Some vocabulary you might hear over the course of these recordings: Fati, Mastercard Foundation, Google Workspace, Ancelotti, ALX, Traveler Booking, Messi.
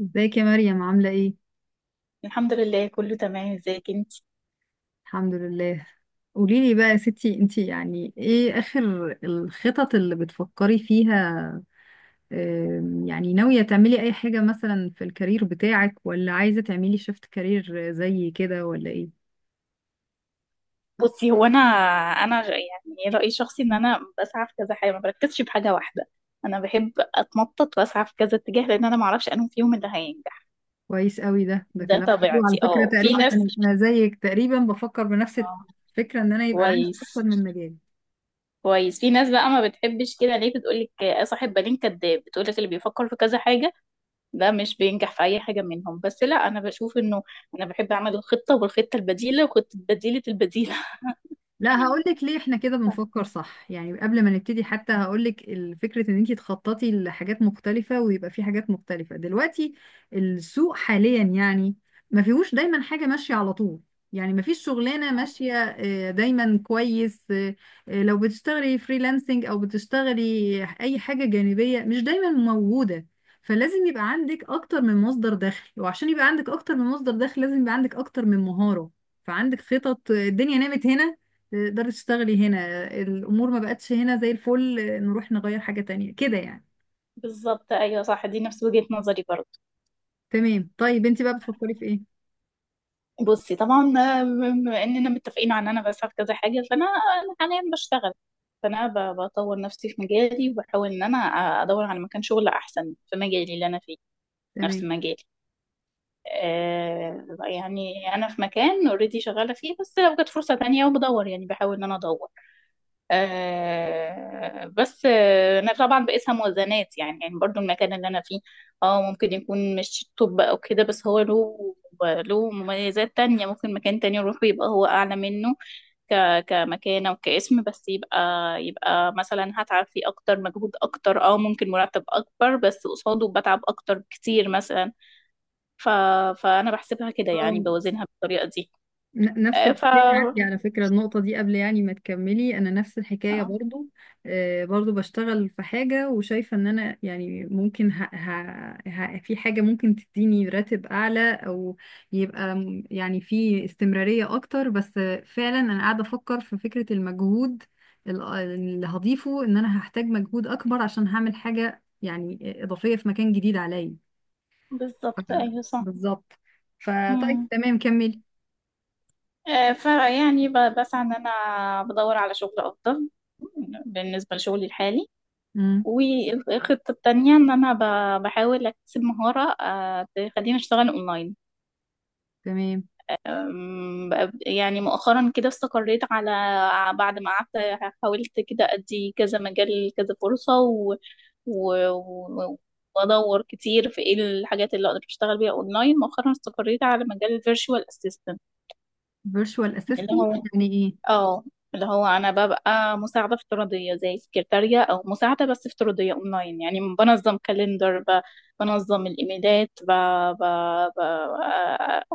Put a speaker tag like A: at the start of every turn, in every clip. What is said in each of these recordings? A: ازيك يا مريم عاملة ايه؟
B: الحمد لله، كله تمام. ازيك انت؟
A: الحمد لله. قوليلي بقى يا ستي، انتي يعني ايه اخر الخطط اللي بتفكري فيها؟ يعني ناوية تعملي اي حاجة مثلا في الكارير بتاعك، ولا عايزة تعملي شيفت كارير زي كده ولا ايه؟
B: بصي، هو انا يعني رايي الشخصي ان انا بسعى في كذا حاجه، ما بركزش في حاجه واحده. انا بحب اتنطط واسعى في كذا اتجاه، لان انا ما اعرفش انهم فيهم اللي هينجح.
A: كويس قوي، ده
B: ده
A: كلام حلو على
B: طبيعتي.
A: فكرة.
B: اه. في
A: تقريبا
B: ناس.
A: انا زيك، تقريبا بفكر بنفس
B: اه.
A: الفكرة، ان انا يبقى عندي
B: كويس
A: اكتر من مجال.
B: كويس. في ناس بقى ما بتحبش كده، ليه؟ بتقول لك صاحب بالين كداب، بتقول لك اللي بيفكر في كذا حاجه ده مش بينجح في اي حاجه منهم. بس لا، انا بشوف انه انا بحب اعمل الخطه والخطه البديله وخطه بديله البديله.
A: لا هقولك ليه احنا كده بنفكر صح، يعني قبل ما نبتدي حتى هقولك. فكرة ان انتي تخططي لحاجات مختلفة ويبقى في حاجات مختلفة دلوقتي، السوق حاليا يعني ما فيهوش دايما حاجة ماشية على طول، يعني ما فيش شغلانة ماشية دايما كويس. آه، آه، لو بتشتغلي فريلانسنج او بتشتغلي اي حاجة جانبية، مش دايما موجودة. فلازم يبقى عندك اكتر من مصدر دخل، وعشان يبقى عندك اكتر من مصدر دخل لازم يبقى عندك اكتر من مهارة. فعندك خطط الدنيا نامت هنا، تقدري تشتغلي هنا. الامور ما بقتش هنا زي الفل، نروح نغير حاجة تانية كده يعني.
B: بالظبط، ايوه صح، دي نفس وجهة نظري برضه.
A: تمام، طيب انت بقى بتفكري في ايه؟
B: بصي، طبعا، بما اننا متفقين عن انا بسعى في كذا حاجه، فانا حاليا بشتغل. فانا بطور نفسي في مجالي، وبحاول ان انا ادور على مكان شغل احسن في مجالي اللي انا فيه. نفس
A: تمام.
B: مجالي. يعني انا في مكان اوريدي شغاله فيه، بس لو جت فرصه تانية وبدور، يعني بحاول ان انا ادور. بس انا طبعا بقيسها موازنات، يعني برضو المكان اللي انا فيه اه ممكن يكون مش توب او كده، بس هو له مميزات تانية. ممكن مكان تاني يروحه يبقى هو اعلى منه ك كمكانة وكاسم، بس يبقى مثلا هتعب فيه اكتر، مجهود اكتر، ممكن مرتب اكبر بس قصاده بتعب اكتر بكتير مثلا. ف فانا بحسبها كده، يعني
A: اه،
B: بوازنها بالطريقة دي.
A: نفس
B: آه، ف
A: الحكاية
B: آه،
A: عندي على فكرة. النقطة دي قبل يعني ما تكملي، أنا نفس الحكاية برضو. آه، برضو بشتغل في حاجة وشايفة إن أنا يعني ممكن في حاجة ممكن تديني راتب أعلى، أو يبقى يعني في استمرارية أكتر. بس فعلا أنا قاعدة أفكر في فكرة المجهود اللي هضيفه، إن أنا هحتاج مجهود أكبر عشان هعمل حاجة يعني إضافية في مكان جديد عليا. ف-
B: بالظبط ايوه
A: بالظبط.
B: صح.
A: فطيب تمام، كملي.
B: فيعني بسعى ان انا بدور على شغل افضل بالنسبه لشغلي الحالي.
A: مم.
B: والخطه التانية ان انا بحاول اكتسب مهاره تخليني اشتغل اونلاين.
A: تمام.
B: يعني مؤخرا كده استقريت على، بعد ما قعدت حاولت كده ادي كذا مجال كذا فرصه و... و... وادور كتير في ايه الحاجات اللي اقدر اشتغل بيها اونلاين، مؤخرا استقريت على مجال الفيرتشوال اسيستنت.
A: فيرتشوال
B: اللي
A: اسيستنت
B: هو
A: يعني ايه؟
B: اه اللي هو انا ببقى مساعده افتراضيه زي سكرتاريه او مساعده، بس افتراضيه اونلاين. يعني بنظم كالندر، بنظم الايميلات، ب... ب...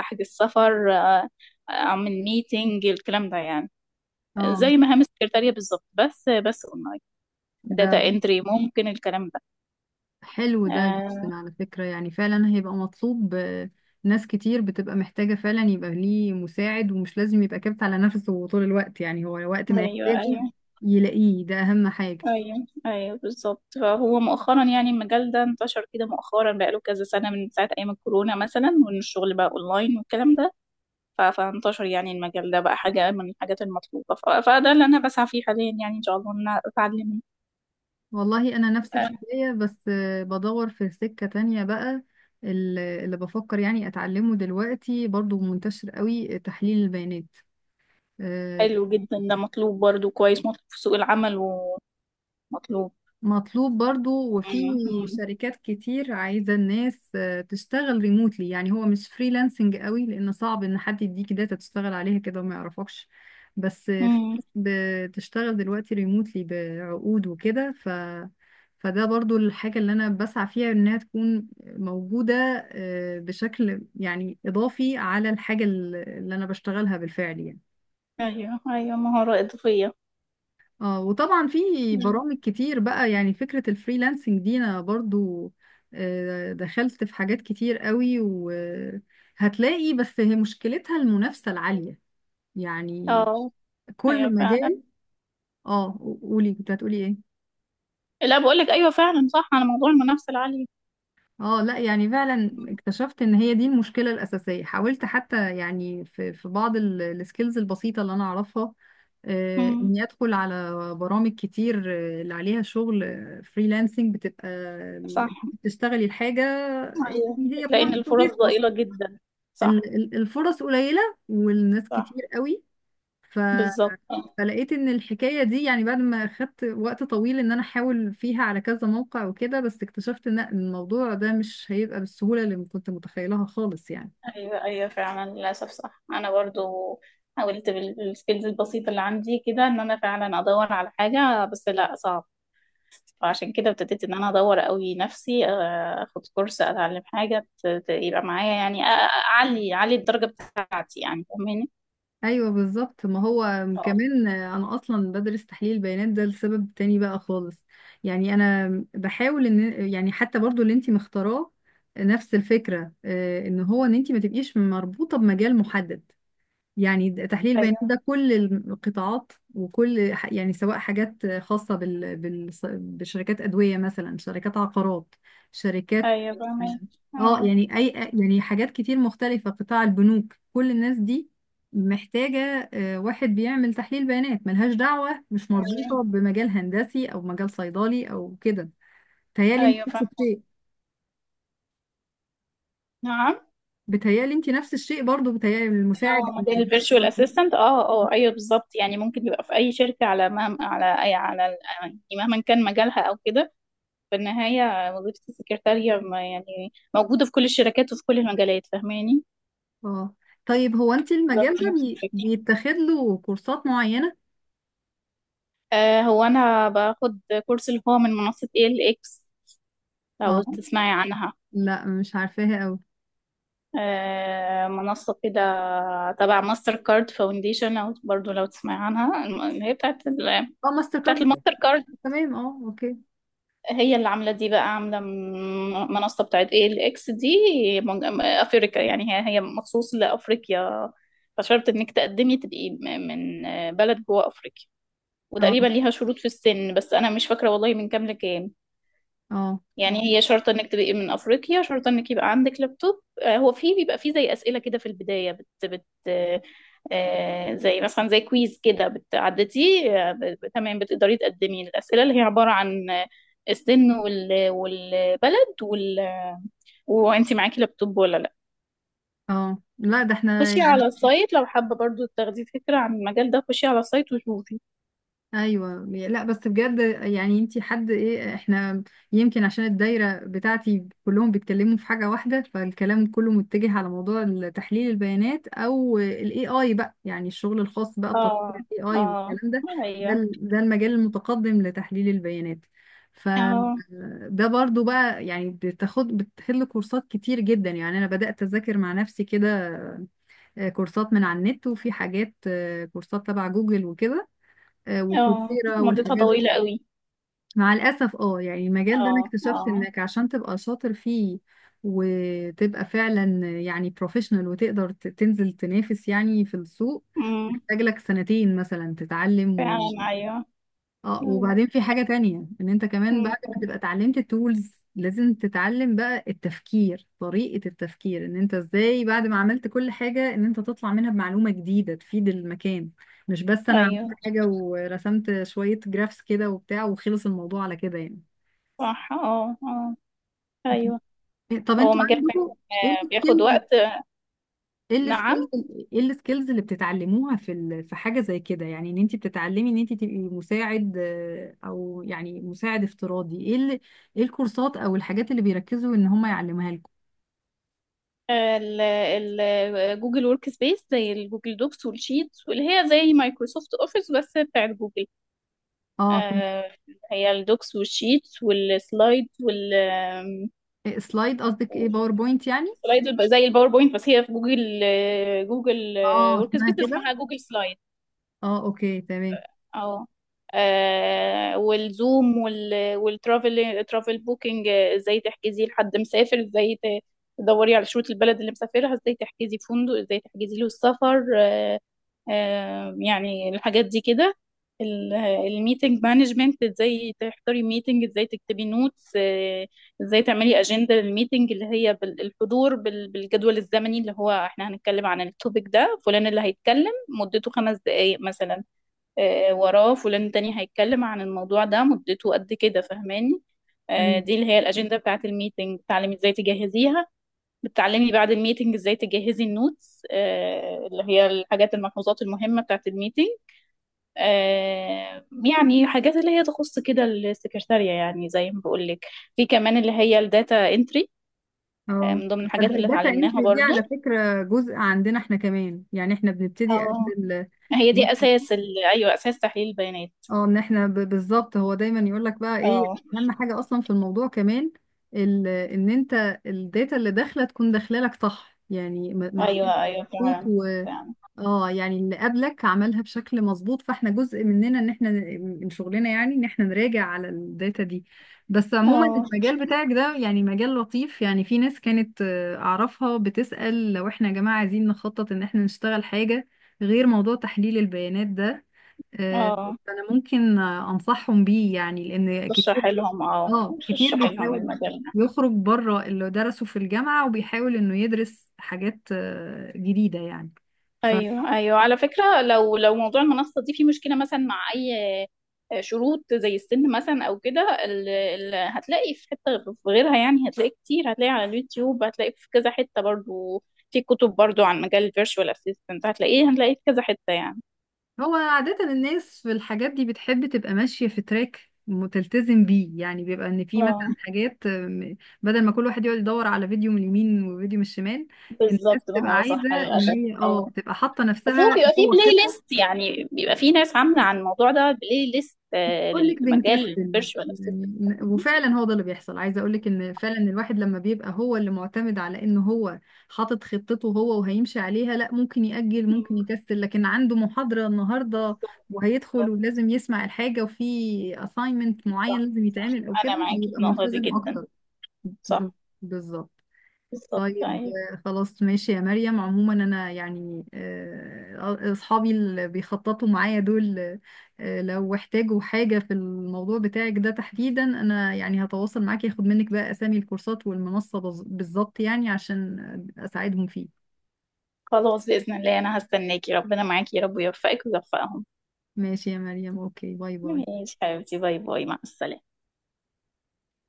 B: احجز سفر، اعمل ميتنج، الكلام ده يعني.
A: اه.
B: زي مهام السكرتاريه بالظبط، بس اونلاين.
A: ده
B: داتا انتري، ممكن الكلام ده.
A: حلو ده
B: آه،
A: جدا على فكرة، يعني فعلا هيبقى مطلوب. ناس كتير بتبقى محتاجة فعلا يبقى ليه مساعد، ومش لازم يبقى كابت على نفسه طول الوقت، يعني هو وقت ما
B: ايوه
A: يحتاجه
B: ايوه.
A: يلاقيه، ده أهم حاجة.
B: ايوه ايوه بالظبط. فهو مؤخرا يعني المجال ده انتشر كده مؤخرا، بقاله كذا سنه، من ساعه ايام الكورونا مثلا، وان الشغل بقى اونلاين والكلام ده. فانتشر يعني المجال ده، بقى حاجة من الحاجات المطلوبة، فده اللي أنا بسعى فيه حاليا، يعني إن شاء الله إن أنا أتعلمه.
A: والله أنا نفس
B: آه،
A: الحكاية، بس بدور في سكة تانية بقى. اللي بفكر يعني أتعلمه دلوقتي برضو منتشر قوي، تحليل البيانات. آه،
B: حلو جدا ده، مطلوب برضو، كويس مطلوب في سوق العمل، ومطلوب.
A: مطلوب برضو، وفي
B: مم. مم.
A: شركات كتير عايزة الناس تشتغل ريموتلي. يعني هو مش فريلانسنج قوي، لأن صعب إن حد يديك داتا تشتغل عليها كده وما يعرفكش، بس في
B: مم.
A: ناس بتشتغل دلوقتي ريموتلي بعقود وكده. فده برضو الحاجة اللي أنا بسعى فيها إنها تكون موجودة، بشكل يعني إضافي على الحاجة اللي أنا بشتغلها بالفعل يعني.
B: أيوه أيوه، مهارة إضافية.
A: اه، وطبعا في
B: مم.
A: برامج كتير بقى. يعني فكرة الفريلانسنج دي انا برضو دخلت في حاجات كتير قوي، وهتلاقي بس هي مشكلتها المنافسة العالية يعني،
B: اه، أيوه
A: كل
B: فعلا.
A: مجال. اه، قولي، كنت هتقولي ايه؟
B: لا، بقول لك أيوه فعلا صح، على موضوع المنافسة العالية.
A: اه لا، يعني فعلا اكتشفت ان هي دي المشكله الاساسيه. حاولت حتى يعني في بعض السكيلز البسيطه اللي انا اعرفها،
B: مم.
A: اني ادخل على برامج كتير اللي عليها شغل فريلانسنج. بتبقى
B: صح.
A: انت بتشتغلي الحاجه،
B: أيوه،
A: يعني هي
B: بتلاقي إن
A: بروجكت
B: الفرص
A: وبيخلص.
B: ضئيلة جدا. صح
A: الفرص قليله والناس
B: صح.
A: كتير قوي.
B: بالظبط.
A: فلقيت ان الحكايه دي يعني بعد ما خدت وقت طويل ان انا احاول فيها على كذا موقع وكده، بس اكتشفت ان الموضوع ده مش هيبقى بالسهوله اللي كنت متخيلها خالص يعني.
B: ايوه ايوه فعلا، للاسف صح، انا برضو حاولت بالسكيلز البسيطه اللي عندي كده ان انا فعلا ادور على حاجه، بس لا، صعب. فعشان كده ابتديت ان انا ادور قوي نفسي اخد كورس، اتعلم حاجه يبقى معايا، يعني اعلي الدرجه بتاعتي، يعني فاهماني؟
A: ايوه بالظبط. ما هو
B: اه،
A: كمان انا اصلا بدرس تحليل بيانات ده لسبب تاني بقى خالص، يعني انا بحاول ان يعني حتى برضو اللي انتي مختاراه نفس الفكره. ان هو ان انتي ما تبقيش مربوطه بمجال محدد. يعني تحليل البيانات
B: ايوه
A: ده كل القطاعات وكل يعني، سواء حاجات خاصة بشركات أدوية مثلا، شركات عقارات، شركات،
B: ايوه فاهمه.
A: اه
B: اه،
A: يعني أي، يعني حاجات كتير مختلفة، قطاع البنوك، كل الناس دي محتاجة واحد بيعمل تحليل بيانات، ملهاش دعوة، مش
B: ايوه
A: مربوطة بمجال هندسي أو مجال صيدلي أو كده. بتهيألي انت
B: ايوه
A: نفس
B: فاهمه.
A: الشيء.
B: نعم.
A: بتهيألي انت نفس الشيء برضو، بتهيألي
B: لو
A: المساعد.
B: موديل الفيرتشوال اسيستنت، اه اه ايوه بالظبط، يعني ممكن يبقى في اي شركه، على مهما على اي على يعني مهما كان مجالها او كده. في النهاية وظيفة السكرتارية يعني موجودة في كل الشركات وفي كل المجالات، فاهماني؟
A: اه. طيب هو انت المجال
B: بالظبط
A: ده
B: نفس الفكرة.
A: بيتاخد له كورسات معينة؟
B: هو أنا باخد كورس، اللي هو من منصة ALX،
A: اه.
B: لو تسمعي عنها.
A: لا مش عارفاها قوي.
B: منصة كده تبع ماستر كارد فاونديشن، أو برضو لو تسمعي عنها اللي هي
A: اه، ماستر
B: بتاعت
A: كارد.
B: الماستر كارد.
A: تمام اه، اوكي.
B: هي اللي عاملة دي، بقى عاملة منصة بتاعت ايه الاكس دي. افريقيا، يعني هي مخصوص لافريقيا. فشرط انك تقدمي تبقي من بلد جوه افريقيا.
A: اه.
B: وتقريبا ليها شروط في السن، بس انا مش فاكرة والله من كام لكام.
A: اه. اه.
B: يعني هي شرط انك تبقي من افريقيا، شرط انك يبقى عندك لابتوب. هو في بيبقى في زي اسئله كده في البدايه بت بت زي مثلا زي كويز كده بتعدتي، تمام، بتقدري تقدمي. الاسئله اللي هي عباره عن السن والبلد وانت معاكي لابتوب ولا لا.
A: اه لا، ده احنا
B: خشي
A: يعني.
B: على السايت، لو حابه برضو تاخدي فكره عن المجال ده، خشي على السايت وشوفي.
A: ايوه لا، بس بجد يعني انتي حد ايه؟ احنا يمكن عشان الدايره بتاعتي كلهم بيتكلموا في حاجه واحده، فالكلام كله متجه على موضوع تحليل البيانات، او الاي اي بقى، يعني الشغل الخاص بقى
B: اه
A: بتطوير الاي اي
B: اه
A: والكلام ده. ده
B: ايوه
A: ده المجال المتقدم لتحليل البيانات.
B: اه
A: فده برضو بقى يعني بتاخد، بتحل كورسات كتير جدا. يعني انا بدات اذاكر مع نفسي كده، كورسات من على النت، وفي حاجات كورسات تبع جوجل وكده،
B: اه.
A: وكورسيرا
B: مدتها
A: والحاجات
B: طويله
A: دي.
B: قوي.
A: مع الأسف اه، يعني المجال ده أنا اكتشفت
B: اه
A: إنك عشان تبقى شاطر فيه وتبقى فعلا يعني بروفيشنال وتقدر تنزل تنافس يعني في السوق،
B: اه
A: محتاج لك 2 سنين مثلا تتعلم.
B: فعلا. أيوه
A: اه،
B: أيوه.
A: وبعدين في حاجة تانية، ان انت كمان بعد
B: أمم،
A: ما تبقى اتعلمت التولز، لازم تتعلم بقى التفكير، طريقة التفكير ان انت ازاي بعد ما عملت كل حاجة ان انت تطلع منها بمعلومة جديدة تفيد المكان. مش بس انا عملت
B: أيوه
A: حاجة ورسمت شوية جرافس كده وبتاع وخلص الموضوع على كده يعني.
B: صح. اه اه أيوه.
A: طب
B: هو
A: انتوا
B: مجال
A: عندكم
B: فعلا
A: ايه
B: بياخد
A: السكيلز،
B: وقت.
A: ايه
B: نعم.
A: السكيلز، ايه السكيلز اللي بتتعلموها في في حاجه زي كده؟ يعني ان انت بتتعلمي ان انت تبقي مساعد او يعني مساعد افتراضي، ايه ايه الكورسات او الحاجات اللي بيركزوا ان هم يعلموها لكم؟
B: آه، ال ال جوجل ورك سبيس، زي الجوجل دوكس والشيتس، واللي هي زي مايكروسوفت اوفيس بس بتاعت جوجل.
A: اه. طب
B: آه، هي الدوكس والشيتس والسلايد
A: إيه، سلايد قصدك ايه، باوربوينت يعني؟
B: سلايد، زي الباوربوينت، بس هي في جوجل. جوجل
A: اه،
B: ورك
A: اسمها
B: سبيس
A: كده.
B: اسمها جوجل سلايد.
A: اه اوكي تمام.
B: اه. والزوم ترافل بوكينج. ازاي تحجزي لحد مسافر، ازاي تدوري على شروط البلد اللي مسافرها، ازاي تحجزي فندق، ازاي تحجزي له السفر. يعني الحاجات دي كده. الميتنج مانجمنت، ازاي تحضري ميتنج، ازاي تكتبي نوتس. ازاي تعملي اجنده للميتنج، اللي هي بالحضور، بالجدول الزمني اللي هو احنا هنتكلم عن التوبيك ده، فلان اللي هيتكلم مدته خمس دقائق مثلا، وراه فلان تاني هيتكلم عن الموضوع ده مدته قد كده، فاهماني؟ دي
A: ايوه.
B: اللي هي الأجندة بتاعة الميتنج، بتعلمي ازاي تجهزيها. بتعلمي بعد الميتنج ازاي تجهزي النوتس، اللي هي الحاجات، الملحوظات المهمة بتاعة الميتنج. يعني حاجات اللي هي تخص كده السكرتارية، يعني زي ما بقول لك. في كمان اللي هي الداتا انتري،
A: اه.
B: من ضمن الحاجات
A: طب
B: اللي
A: الداتا
B: اتعلمناها
A: انتري دي
B: برضو.
A: على فكره جزء عندنا احنا كمان، يعني احنا بنبتدي قبل
B: اه،
A: ال-
B: هي دي اساس ايوه، اساس تحليل البيانات.
A: اه، ان احنا بالظبط. هو دايما يقول لك بقى ايه
B: اه،
A: اهم حاجه اصلا في الموضوع كمان، ان انت الداتا اللي داخله تكون داخله لك صح، يعني محطوط،
B: ايوه ايوه
A: محطوط
B: فعلا.
A: و
B: فعلا.
A: اه يعني اللي قبلك عملها بشكل مظبوط، فاحنا جزء مننا ان احنا من شغلنا يعني ان احنا نراجع على الداتا دي. بس عموما
B: اه
A: المجال بتاعك ده يعني مجال لطيف. يعني في ناس كانت اعرفها بتسأل، لو احنا يا جماعه عايزين نخطط ان احنا نشتغل حاجه غير موضوع تحليل البيانات ده، آه،
B: اه.
A: انا ممكن انصحهم بيه يعني، لان
B: تشرح
A: كتير
B: لهم اه
A: اه، كتير
B: تشرح لهم
A: بيحاول
B: المجال ده.
A: يخرج بره اللي درسه في الجامعة وبيحاول انه يدرس حاجات جديدة يعني، فهو
B: ايوه ايوه على فكره، لو موضوع المنصه دي فيه مشكله مثلا، مع اي شروط زي السن مثلا او كده، هتلاقي في حته في غيرها، يعني هتلاقي كتير، هتلاقي على اليوتيوب، هتلاقي في كذا حته برضو. في كتب برضو عن مجال الفيرتشوال اسيستنت، هتلاقيه في كذا حته يعني.
A: عادة الناس في الحاجات دي بتحب تبقى ماشية في تراك متلتزم بيه. يعني بيبقى ان في
B: اه
A: مثلا حاجات بدل ما كل واحد يقعد يدور على فيديو من اليمين وفيديو من الشمال، الناس
B: بالظبط،
A: بتبقى
B: ما هو صح
A: عايزة ان
B: للاسف.
A: هي
B: اه،
A: اه تبقى حاطة
B: بس هو
A: نفسها
B: بيبقى فيه
A: جوه
B: بلاي
A: خطة.
B: ليست، يعني بيبقى فيه ناس عامله عن الموضوع ده بلاي ليست،
A: بقول لك
B: للمجال
A: بنكسل
B: الفيرتشوال.
A: يعني. وفعلا هو ده اللي بيحصل. عايزه اقول لك ان فعلا الواحد لما بيبقى هو اللي معتمد على ان هو حاطط خطته هو وهيمشي عليها، لا، ممكن يأجل، ممكن
B: مم.
A: يكسل. لكن عنده محاضره النهارده وهيدخل
B: بالظبط
A: ولازم يسمع الحاجه، وفي assignment معين
B: صح.
A: لازم يتعمل او كده،
B: انا معاكي في
A: بيبقى
B: النقطه دي
A: ملتزم
B: جدا.
A: اكتر. ب-
B: صح،
A: بالظبط.
B: بالظبط.
A: طيب.
B: طيب،
A: خلاص ماشي يا مريم. عموما انا يعني اصحابي اللي بيخططوا معايا دول، لو احتاجوا حاجة في الموضوع بتاعك ده تحديدا، انا يعني هتواصل معاك ياخد منك بقى اسامي الكورسات والمنصة بالظبط يعني عشان اساعدهم فيه.
B: خلاص، باذن الله انا هستناكي. ربنا معاكي يا رب، ويوفقك ويوفقهم.
A: ماشي يا مريم، اوكي، باي باي.
B: ماشي حبيبتي، باي باي، مع السلامه.